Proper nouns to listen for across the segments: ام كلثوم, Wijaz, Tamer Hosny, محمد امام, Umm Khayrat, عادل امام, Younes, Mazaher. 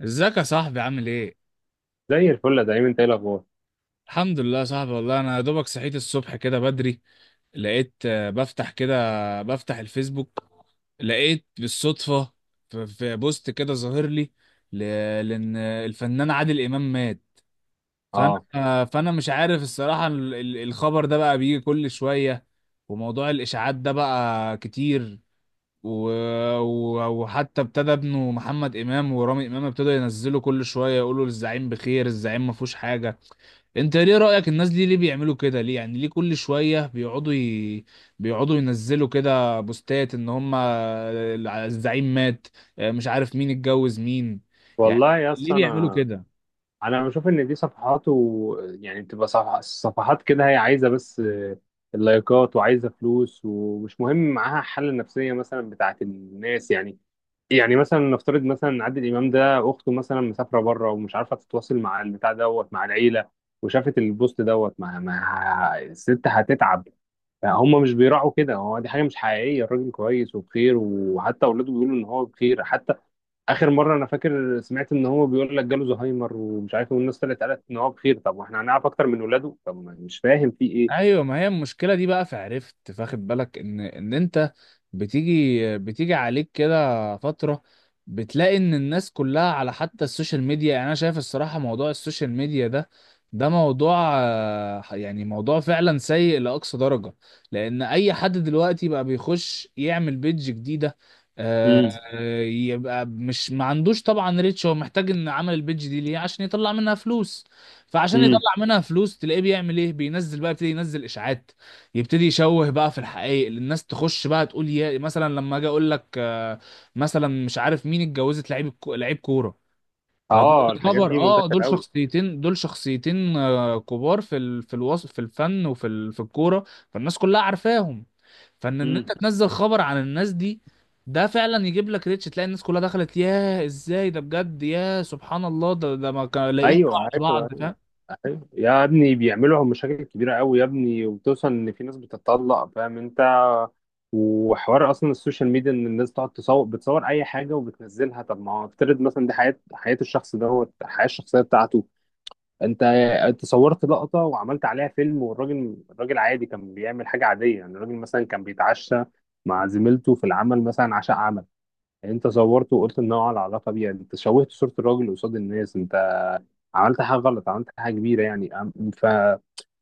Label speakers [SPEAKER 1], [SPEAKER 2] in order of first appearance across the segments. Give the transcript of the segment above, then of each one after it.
[SPEAKER 1] ازيك يا صاحبي، عامل ايه؟
[SPEAKER 2] زي الفل يا دايما، انت ايه الاخبار؟
[SPEAKER 1] الحمد لله يا صاحبي، والله انا يا دوبك صحيت الصبح كده بدري، لقيت بفتح كده، بفتح الفيسبوك، لقيت بالصدفة في بوست كده ظاهر لي، ل- لان الفنان عادل امام مات. فانا
[SPEAKER 2] اه،
[SPEAKER 1] آه، فانا مش عارف الصراحة، الخبر ده بقى بيجي كل شوية، وموضوع الاشاعات ده بقى كتير، و... وحتى ابتدى ابنه محمد امام ورامي امام ابتدوا ينزلوا كل شوية يقولوا الزعيم بخير، الزعيم ما فيهوش حاجة. انت ليه رأيك الناس دي ليه بيعملوا كده؟ ليه يعني؟ ليه كل شوية بيقعدوا ينزلوا كده بوستات ان هم الزعيم مات؟ مش عارف مين اتجوز مين. يعني
[SPEAKER 2] والله يا
[SPEAKER 1] ليه
[SPEAKER 2] اسطى،
[SPEAKER 1] بيعملوا
[SPEAKER 2] انا
[SPEAKER 1] كده؟
[SPEAKER 2] انا بشوف ان دي صفحات يعني بتبقى صفحات كده، هي عايزه بس اللايكات، وعايزه فلوس، ومش مهم معاها الحاله النفسيه مثلا بتاعت الناس يعني. يعني مثلا نفترض مثلا ان عادل امام ده اخته مثلا مسافره بره ومش عارفه تتواصل مع البتاع دوت مع العيله، وشافت البوست دوت مع الست هتتعب. هم مش بيراعوا كده، هو دي حاجه مش حقيقيه، الراجل كويس وبخير، وحتى اولاده بيقولوا ان هو بخير. حتى اخر مره انا فاكر سمعت ان هو بيقول لك جاله زهايمر ومش عارف إيه، والناس طلعت قالت ان هو بخير. طب واحنا هنعرف اكتر من ولاده؟ طب ما مش فاهم في ايه.
[SPEAKER 1] ايوه، ما هي المشكله دي بقى، فعرفت، فاخد بالك ان انت بتيجي عليك كده فتره، بتلاقي ان الناس كلها على حتى السوشيال ميديا. يعني انا شايف الصراحه موضوع السوشيال ميديا ده، ده موضوع آه، يعني موضوع فعلا سيء لاقصى درجه، لان اي حد دلوقتي بقى بيخش يعمل بيدج جديده، آه،
[SPEAKER 2] امم
[SPEAKER 1] يبقى مش ما عندوش طبعا ريتش، هو محتاج ان عمل البيدج دي ليه؟ عشان يطلع منها فلوس. فعشان يطلع
[SPEAKER 2] امم
[SPEAKER 1] منها فلوس، تلاقيه بيعمل ايه، بينزل بقى، يبتدي ينزل اشاعات، يبتدي يشوه بقى في الحقائق، الناس تخش بقى تقول، يا مثلا لما اجي اقول لك مثلا مش عارف مين اتجوزت لعيب لعيب كوره. فده
[SPEAKER 2] اه، الحاجات
[SPEAKER 1] خبر،
[SPEAKER 2] دي
[SPEAKER 1] اه،
[SPEAKER 2] منتشره
[SPEAKER 1] دول
[SPEAKER 2] قوي.
[SPEAKER 1] شخصيتين، كبار في الوصف، في الفن، وفي ال... في الكوره، فالناس كلها عارفاهم. فان ان
[SPEAKER 2] امم
[SPEAKER 1] انت تنزل خبر عن الناس دي، ده فعلا يجيب لك ريتش، تلاقي الناس كلها دخلت، ياه ازاي ده بجد، ياه سبحان الله، ده ما كانوا لاقيين
[SPEAKER 2] ايوه،
[SPEAKER 1] بعض.
[SPEAKER 2] ايوه، ايوه يا ابني، بيعملوا مشاكل كبيره قوي يا ابني، وبتوصل ان في ناس بتتطلق، فاهم انت؟ وحوار اصلا السوشيال ميديا ان الناس تقعد تصور، بتصور اي حاجه وبتنزلها. طب ما هو افترض مثلا دي حياه الشخص دوت الحياه الشخصيه بتاعته. انت انت صورت لقطة وعملت عليها فيلم، والراجل عادي كان بيعمل حاجة عادية، يعني الراجل مثلا كان بيتعشى مع زميلته في العمل، مثلا عشاء عمل، انت صورته وقلت ان هو على علاقة بيها. انت شوهت صورة الراجل قصاد الناس، انت عملت حاجة غلط، عملت حاجة كبيرة يعني.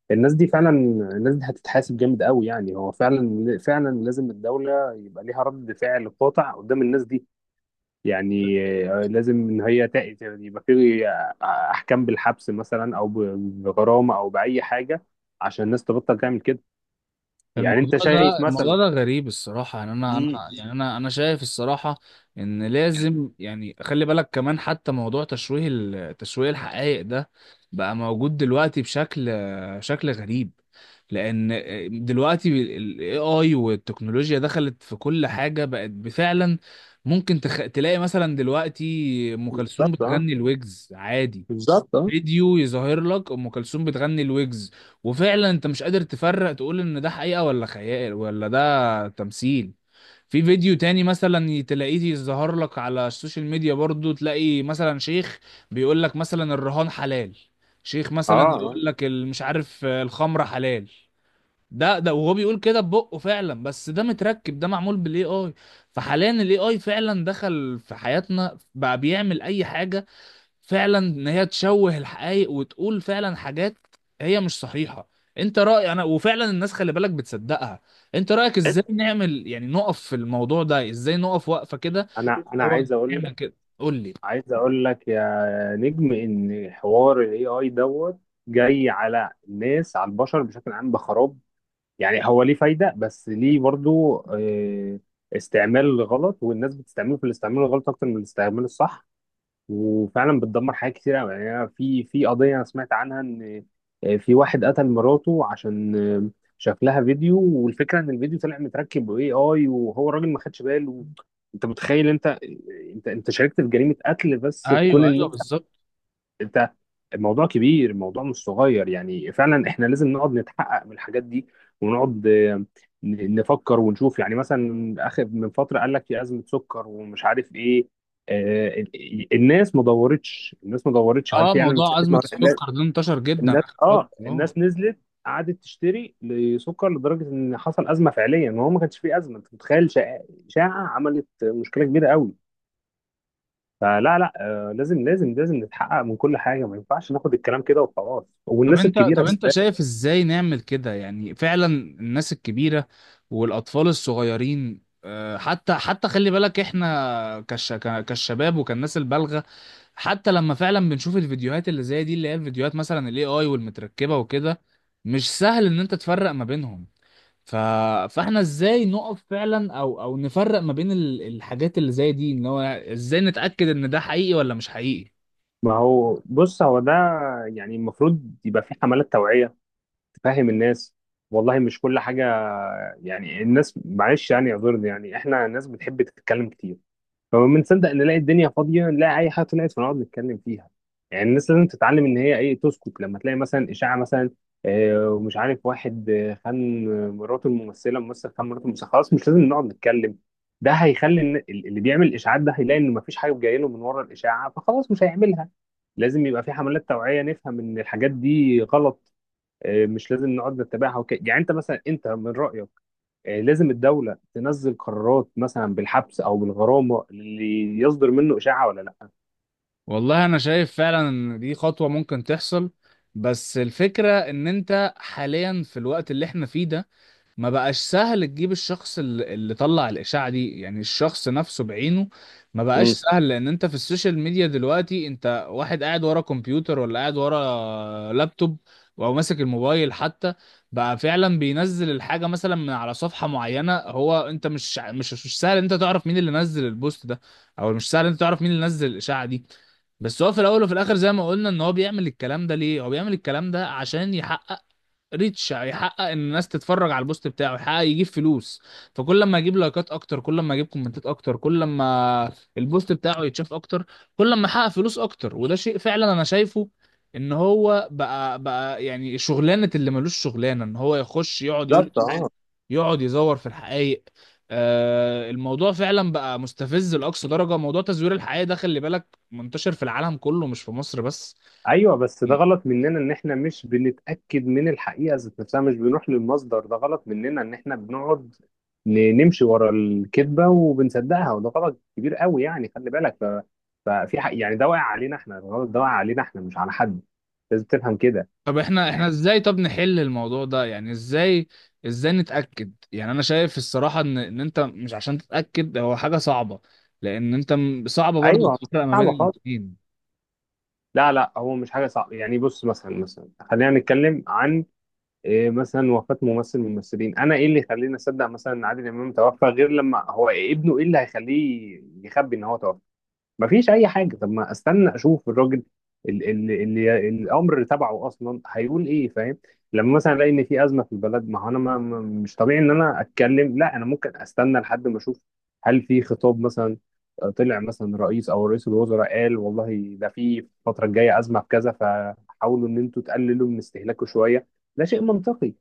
[SPEAKER 2] فالناس دي فعلا، الناس دي هتتحاسب جامد قوي يعني. هو فعلا فعلا لازم الدولة يبقى ليها رد فعل قاطع قدام الناس دي يعني. لازم ان هي يبقى في احكام بالحبس مثلا، او بغرامه، او باي حاجه عشان الناس تبطل تعمل كده. يعني
[SPEAKER 1] الموضوع
[SPEAKER 2] انت شايف
[SPEAKER 1] ده، الموضوع
[SPEAKER 2] مثلا؟
[SPEAKER 1] ده غريب الصراحة. يعني أنا أنا
[SPEAKER 2] مم.
[SPEAKER 1] يعني أنا أنا شايف الصراحة إن لازم، يعني خلي بالك كمان، حتى موضوع تشويه تشويه الحقائق ده بقى موجود دلوقتي شكل غريب، لأن دلوقتي ال AI والتكنولوجيا دخلت في كل حاجة، بقت بفعلا ممكن تلاقي مثلا دلوقتي أم كلثوم
[SPEAKER 2] بالظبط، اه.
[SPEAKER 1] بتغني الويجز عادي،
[SPEAKER 2] بالظبط، اه.
[SPEAKER 1] فيديو يظهر لك ام كلثوم بتغني الويجز، وفعلا انت مش قادر تفرق، تقول ان ده حقيقه، ولا خيال، ولا ده تمثيل. في فيديو تاني مثلا تلاقيه يظهر لك على السوشيال ميديا برضو، تلاقي مثلا شيخ بيقول لك مثلا الرهان حلال، شيخ
[SPEAKER 2] اه،
[SPEAKER 1] مثلا
[SPEAKER 2] آه.
[SPEAKER 1] يقول لك مش عارف، الخمره حلال. ده وهو بيقول كده ببقه فعلا، بس ده متركب، ده معمول بالاي اي. فحاليا الاي اي فعلا دخل في حياتنا، بقى بيعمل اي حاجه، فعلا ان هي تشوه الحقائق وتقول فعلا حاجات هي مش صحيحة. انت رأي، انا وفعلا الناس خلي بالك بتصدقها. انت رأيك ازاي نعمل؟ يعني نقف في الموضوع ده ازاي؟ نقف وقفة كده،
[SPEAKER 2] انا
[SPEAKER 1] هو نعمل كده؟ قول لي.
[SPEAKER 2] عايز اقول لك يا نجم، ان حوار الاي اي دوت جاي على الناس، على البشر بشكل عام بخراب. يعني هو ليه فايده، بس ليه برضو استعمال غلط، والناس بتستعمله في الاستعمال الغلط اكتر من الاستعمال الصح، وفعلا بتدمر حاجات كتير قوي يعني. أنا في قضيه انا سمعت عنها ان في واحد قتل مراته عشان شاف لها فيديو، والفكره ان الفيديو طلع متركب باي اي، وهو الراجل ما خدش باله. انت متخيل؟ انت آه، انت انت شاركت في جريمه قتل بس كون
[SPEAKER 1] ايوه
[SPEAKER 2] ان
[SPEAKER 1] ايوه،
[SPEAKER 2] انت.
[SPEAKER 1] بالظبط.
[SPEAKER 2] انت الموضوع كبير، الموضوع مش صغير يعني. فعلا احنا لازم نقعد نتحقق من الحاجات دي، ونقعد نفكر ونشوف. يعني مثلا اخر من فتره قال لك في ازمه سكر، ومش عارف ايه، آه، ال- الناس ما دورتش، الناس ما دورتش هل
[SPEAKER 1] اه،
[SPEAKER 2] فعلا في
[SPEAKER 1] موضوع أزمة
[SPEAKER 2] أزمة؟
[SPEAKER 1] السكر ده انتشر جدا اخر فترة،
[SPEAKER 2] اه،
[SPEAKER 1] اه.
[SPEAKER 2] الناس نزلت، قعدت تشتري لسكر لدرجه ان حصل ازمه فعليا، وهو ما كانش فيه ازمه. انت متخيل؟ شائعه، شائعة عملت مشكله كبيره قوي. فلا، لا، لازم، لازم، لازم نتحقق من كل حاجه، ما ينفعش ناخد الكلام كده وخلاص،
[SPEAKER 1] طب
[SPEAKER 2] والناس
[SPEAKER 1] انت
[SPEAKER 2] الكبيره
[SPEAKER 1] طب انت
[SPEAKER 2] بالذات.
[SPEAKER 1] شايف ازاي نعمل كده؟ يعني فعلا الناس الكبيرة والاطفال الصغيرين، حتى خلي بالك احنا كالشباب وكالناس البالغة، حتى لما فعلا بنشوف الفيديوهات اللي زي دي، اللي هي الفيديوهات مثلا الاي اي والمتركبة وكده، مش سهل ان انت تفرق ما بينهم. ف... فاحنا ازاي نقف فعلا، او نفرق ما بين الحاجات اللي زي دي؟ ان هو ازاي نتأكد ان ده حقيقي ولا مش حقيقي؟
[SPEAKER 2] ما هو بص، هو ده يعني، المفروض يبقى في حملات توعيه تفهم الناس، والله. مش كل حاجه يعني. الناس معلش، يعني اعذرني، يعني احنا ناس بتحب تتكلم كتير، فما بنصدق نلاقي الدنيا فاضيه، نلاقي اي حاجه طلعت فنقعد نتكلم فيها. يعني الناس لازم تتعلم ان هي ايه، تسكت لما تلاقي مثلا اشاعه. مثلا ومش عارف واحد خان مراته الممثله، ممثل خان مراته الممثله، خلاص، مش لازم نقعد نتكلم. ده هيخلي إن اللي بيعمل اشاعات ده هيلاقي ان مفيش حاجه جايه له من ورا الاشاعه، فخلاص مش هيعملها. لازم يبقى في حملات توعيه نفهم ان الحاجات دي غلط، مش لازم نقعد نتبعها وكده يعني. انت مثلا، انت من رايك لازم الدولة تنزل قرارات مثلا بالحبس أو بالغرامة اللي يصدر منه إشاعة، ولا لأ؟
[SPEAKER 1] والله انا شايف فعلا ان دي خطوة ممكن تحصل، بس الفكرة ان انت حاليا في الوقت اللي احنا فيه ده، ما بقاش سهل تجيب الشخص اللي طلع الاشاعة دي، يعني الشخص نفسه بعينه. ما بقاش
[SPEAKER 2] مم.
[SPEAKER 1] سهل، لان انت في السوشيال ميديا دلوقتي، انت واحد قاعد ورا كمبيوتر، ولا قاعد ورا لابتوب، او ماسك الموبايل حتى، بقى فعلا بينزل الحاجة مثلا من على صفحة معينة، هو انت مش سهل انت تعرف مين اللي نزل البوست ده، او مش سهل انت تعرف مين اللي نزل الاشاعة دي. بس هو في الاول وفي الاخر زي ما قلنا، ان هو بيعمل الكلام ده ليه؟ هو بيعمل الكلام ده عشان يحقق ريتش، يحقق ان الناس تتفرج على البوست بتاعه، يحقق يجيب فلوس. فكل ما يجيب لايكات اكتر، كل ما يجيب كومنتات اكتر، كل ما البوست بتاعه يتشاف اكتر، كل ما يحقق فلوس اكتر، وده شيء فعلا انا شايفه ان هو بقى يعني شغلانه، اللي ملوش شغلانه ان هو يخش يقعد يقول
[SPEAKER 2] بالظبط، اه.
[SPEAKER 1] يقعد يزور في الحقائق. الموضوع فعلا بقى مستفز لأقصى درجة، موضوع تزوير الحقائق ده خلي بالك منتشر في العالم كله، مش في مصر بس.
[SPEAKER 2] أيوه، بس ده غلط مننا إن إحنا مش بنتأكد من الحقيقة ذات نفسها، مش بنروح للمصدر. ده غلط مننا إن إحنا بنقعد نمشي ورا الكذبة وبنصدقها، وده غلط كبير قوي يعني. خلي بالك. ففي حق يعني، ده واقع علينا إحنا، الغلط ده واقع علينا إحنا، مش على حد. لازم تفهم كده.
[SPEAKER 1] طب احنا، احنا
[SPEAKER 2] يعني-
[SPEAKER 1] ازاي طب نحل الموضوع ده؟ يعني ازاي نتأكد؟ يعني انا شايف الصراحة ان انت مش عشان تتأكد هو حاجة صعبة، لان انت صعبة برضو
[SPEAKER 2] ايوه،
[SPEAKER 1] تفرق ما بين
[SPEAKER 2] صعبه خالص.
[SPEAKER 1] الاتنين.
[SPEAKER 2] لا، لا، هو مش حاجه صعبه يعني. بص مثلا خلينا نتكلم عن إيه، مثلا وفاة ممثل من الممثلين. انا ايه اللي يخليني اصدق مثلا ان عادل امام توفى غير لما هو ابنه؟ ايه اللي هيخليه يخبي ان هو توفى؟ مفيش اي حاجه. طب ما استنى اشوف الراجل اللي الامر تبعه اصلا، هيقول ايه، فاهم؟ لما مثلا الاقي ان في ازمه في البلد، ما هو انا مش طبيعي ان انا اتكلم. لا، انا ممكن استنى لحد ما اشوف هل في خطاب مثلا طلع، مثلا رئيس او رئيس الوزراء قال والله ده في الفتره الجايه ازمه في كذا، فحاولوا ان انتوا تقللوا من استهلاكه شويه. ده شيء منطقي.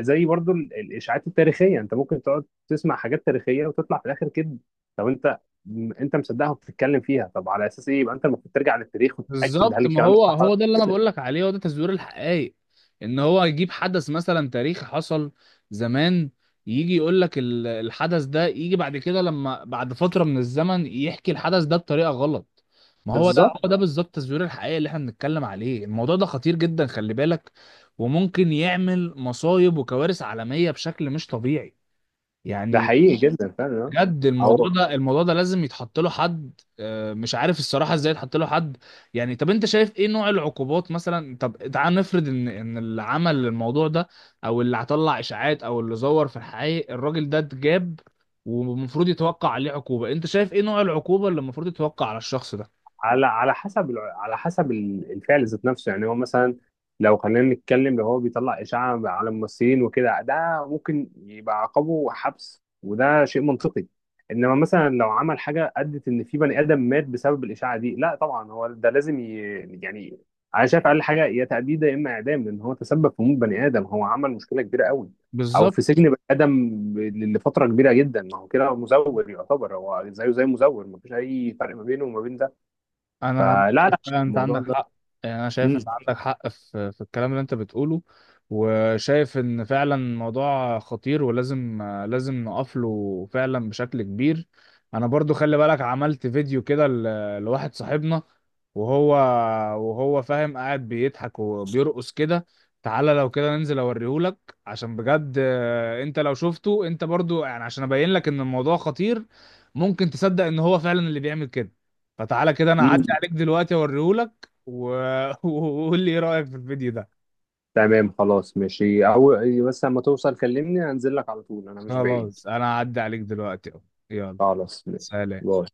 [SPEAKER 2] زي برضو الاشاعات التاريخيه، انت ممكن تقعد تسمع حاجات تاريخيه وتطلع في الاخر كده. طب انت انت مصدقها وبتتكلم فيها، طب على اساس ايه؟ يبقى انت المفروض ترجع للتاريخ وتتاكد هل
[SPEAKER 1] بالظبط، ما
[SPEAKER 2] الكلام ده
[SPEAKER 1] هو،
[SPEAKER 2] صح ولا-
[SPEAKER 1] هو ده اللي انا بقول لك عليه، هو ده تزوير الحقائق، ان هو يجيب حدث مثلا تاريخي حصل زمان، يجي يقول لك الحدث ده، يجي بعد كده لما بعد فترة من الزمن يحكي الحدث ده بطريقة غلط. ما هو ده،
[SPEAKER 2] بالظبط.
[SPEAKER 1] هو ده بالظبط تزوير الحقائق اللي احنا بنتكلم عليه. الموضوع ده خطير جدا خلي بالك، وممكن يعمل مصايب وكوارث عالمية بشكل مش طبيعي،
[SPEAKER 2] ده
[SPEAKER 1] يعني
[SPEAKER 2] حقيقي جدا فعلا، آه.
[SPEAKER 1] بجد. الموضوع
[SPEAKER 2] هو
[SPEAKER 1] ده، الموضوع ده لازم يتحط له حد، مش عارف الصراحه ازاي يتحط له حد. يعني طب انت شايف ايه نوع العقوبات مثلا؟ طب تعال نفرض ان اللي عمل الموضوع ده، او اللي هطلع اشاعات، او اللي زور في الحقيقة، الراجل ده اتجاب ومفروض يتوقع عليه عقوبه، انت شايف ايه نوع العقوبه اللي المفروض يتوقع على الشخص ده؟
[SPEAKER 2] على حسب الفعل ذات نفسه يعني. هو مثلا، لو خلينا نتكلم، لو هو بيطلع إشاعة على الممثلين وكده، ده ممكن يبقى عقابه حبس، وده شيء منطقي. انما مثلا لو عمل حاجة ادت ان في بني ادم مات بسبب الإشاعة دي، لا طبعا، هو ده لازم يعني انا شايف اقل حاجة يا تأبيد يا اما اعدام، لان هو تسبب في موت بني ادم، هو عمل مشكلة كبيرة قوي. او
[SPEAKER 1] بالظبط،
[SPEAKER 2] في سجن بني ادم لفترة كبيرة جدا. ما هو كده مزور يعتبر، هو زيه زي مزور، مفيش اي فرق ما بينه وما بين ده.
[SPEAKER 1] انا
[SPEAKER 2] فلا،
[SPEAKER 1] مش شايف،
[SPEAKER 2] لا،
[SPEAKER 1] فعلا انت
[SPEAKER 2] الموضوع
[SPEAKER 1] عندك
[SPEAKER 2] ده.
[SPEAKER 1] حق. يعني انا شايف
[SPEAKER 2] مم.
[SPEAKER 1] ان عندك حق في الكلام اللي انت بتقوله، وشايف ان فعلا الموضوع خطير، ولازم لازم نقف له فعلا بشكل كبير. انا برضو خلي بالك عملت فيديو كده لواحد صاحبنا، وهو وهو فاهم قاعد بيضحك وبيرقص كده، تعالى لو كده ننزل اوريهولك، عشان بجد، انت لو شفته انت برضو، يعني عشان ابين لك ان الموضوع خطير، ممكن تصدق ان هو فعلا اللي بيعمل كده. فتعالى كده، انا
[SPEAKER 2] مم.
[SPEAKER 1] هعدي عليك دلوقتي اوريهولك، وقول لي ايه رأيك في الفيديو ده.
[SPEAKER 2] تمام، خلاص، ماشي. أو بس لما توصل كلمني هنزل لك على طول، أنا مش بعيد.
[SPEAKER 1] خلاص، انا هعدي عليك دلوقتي اهو، يلا،
[SPEAKER 2] خلاص، ماشي،
[SPEAKER 1] سلام.
[SPEAKER 2] باي.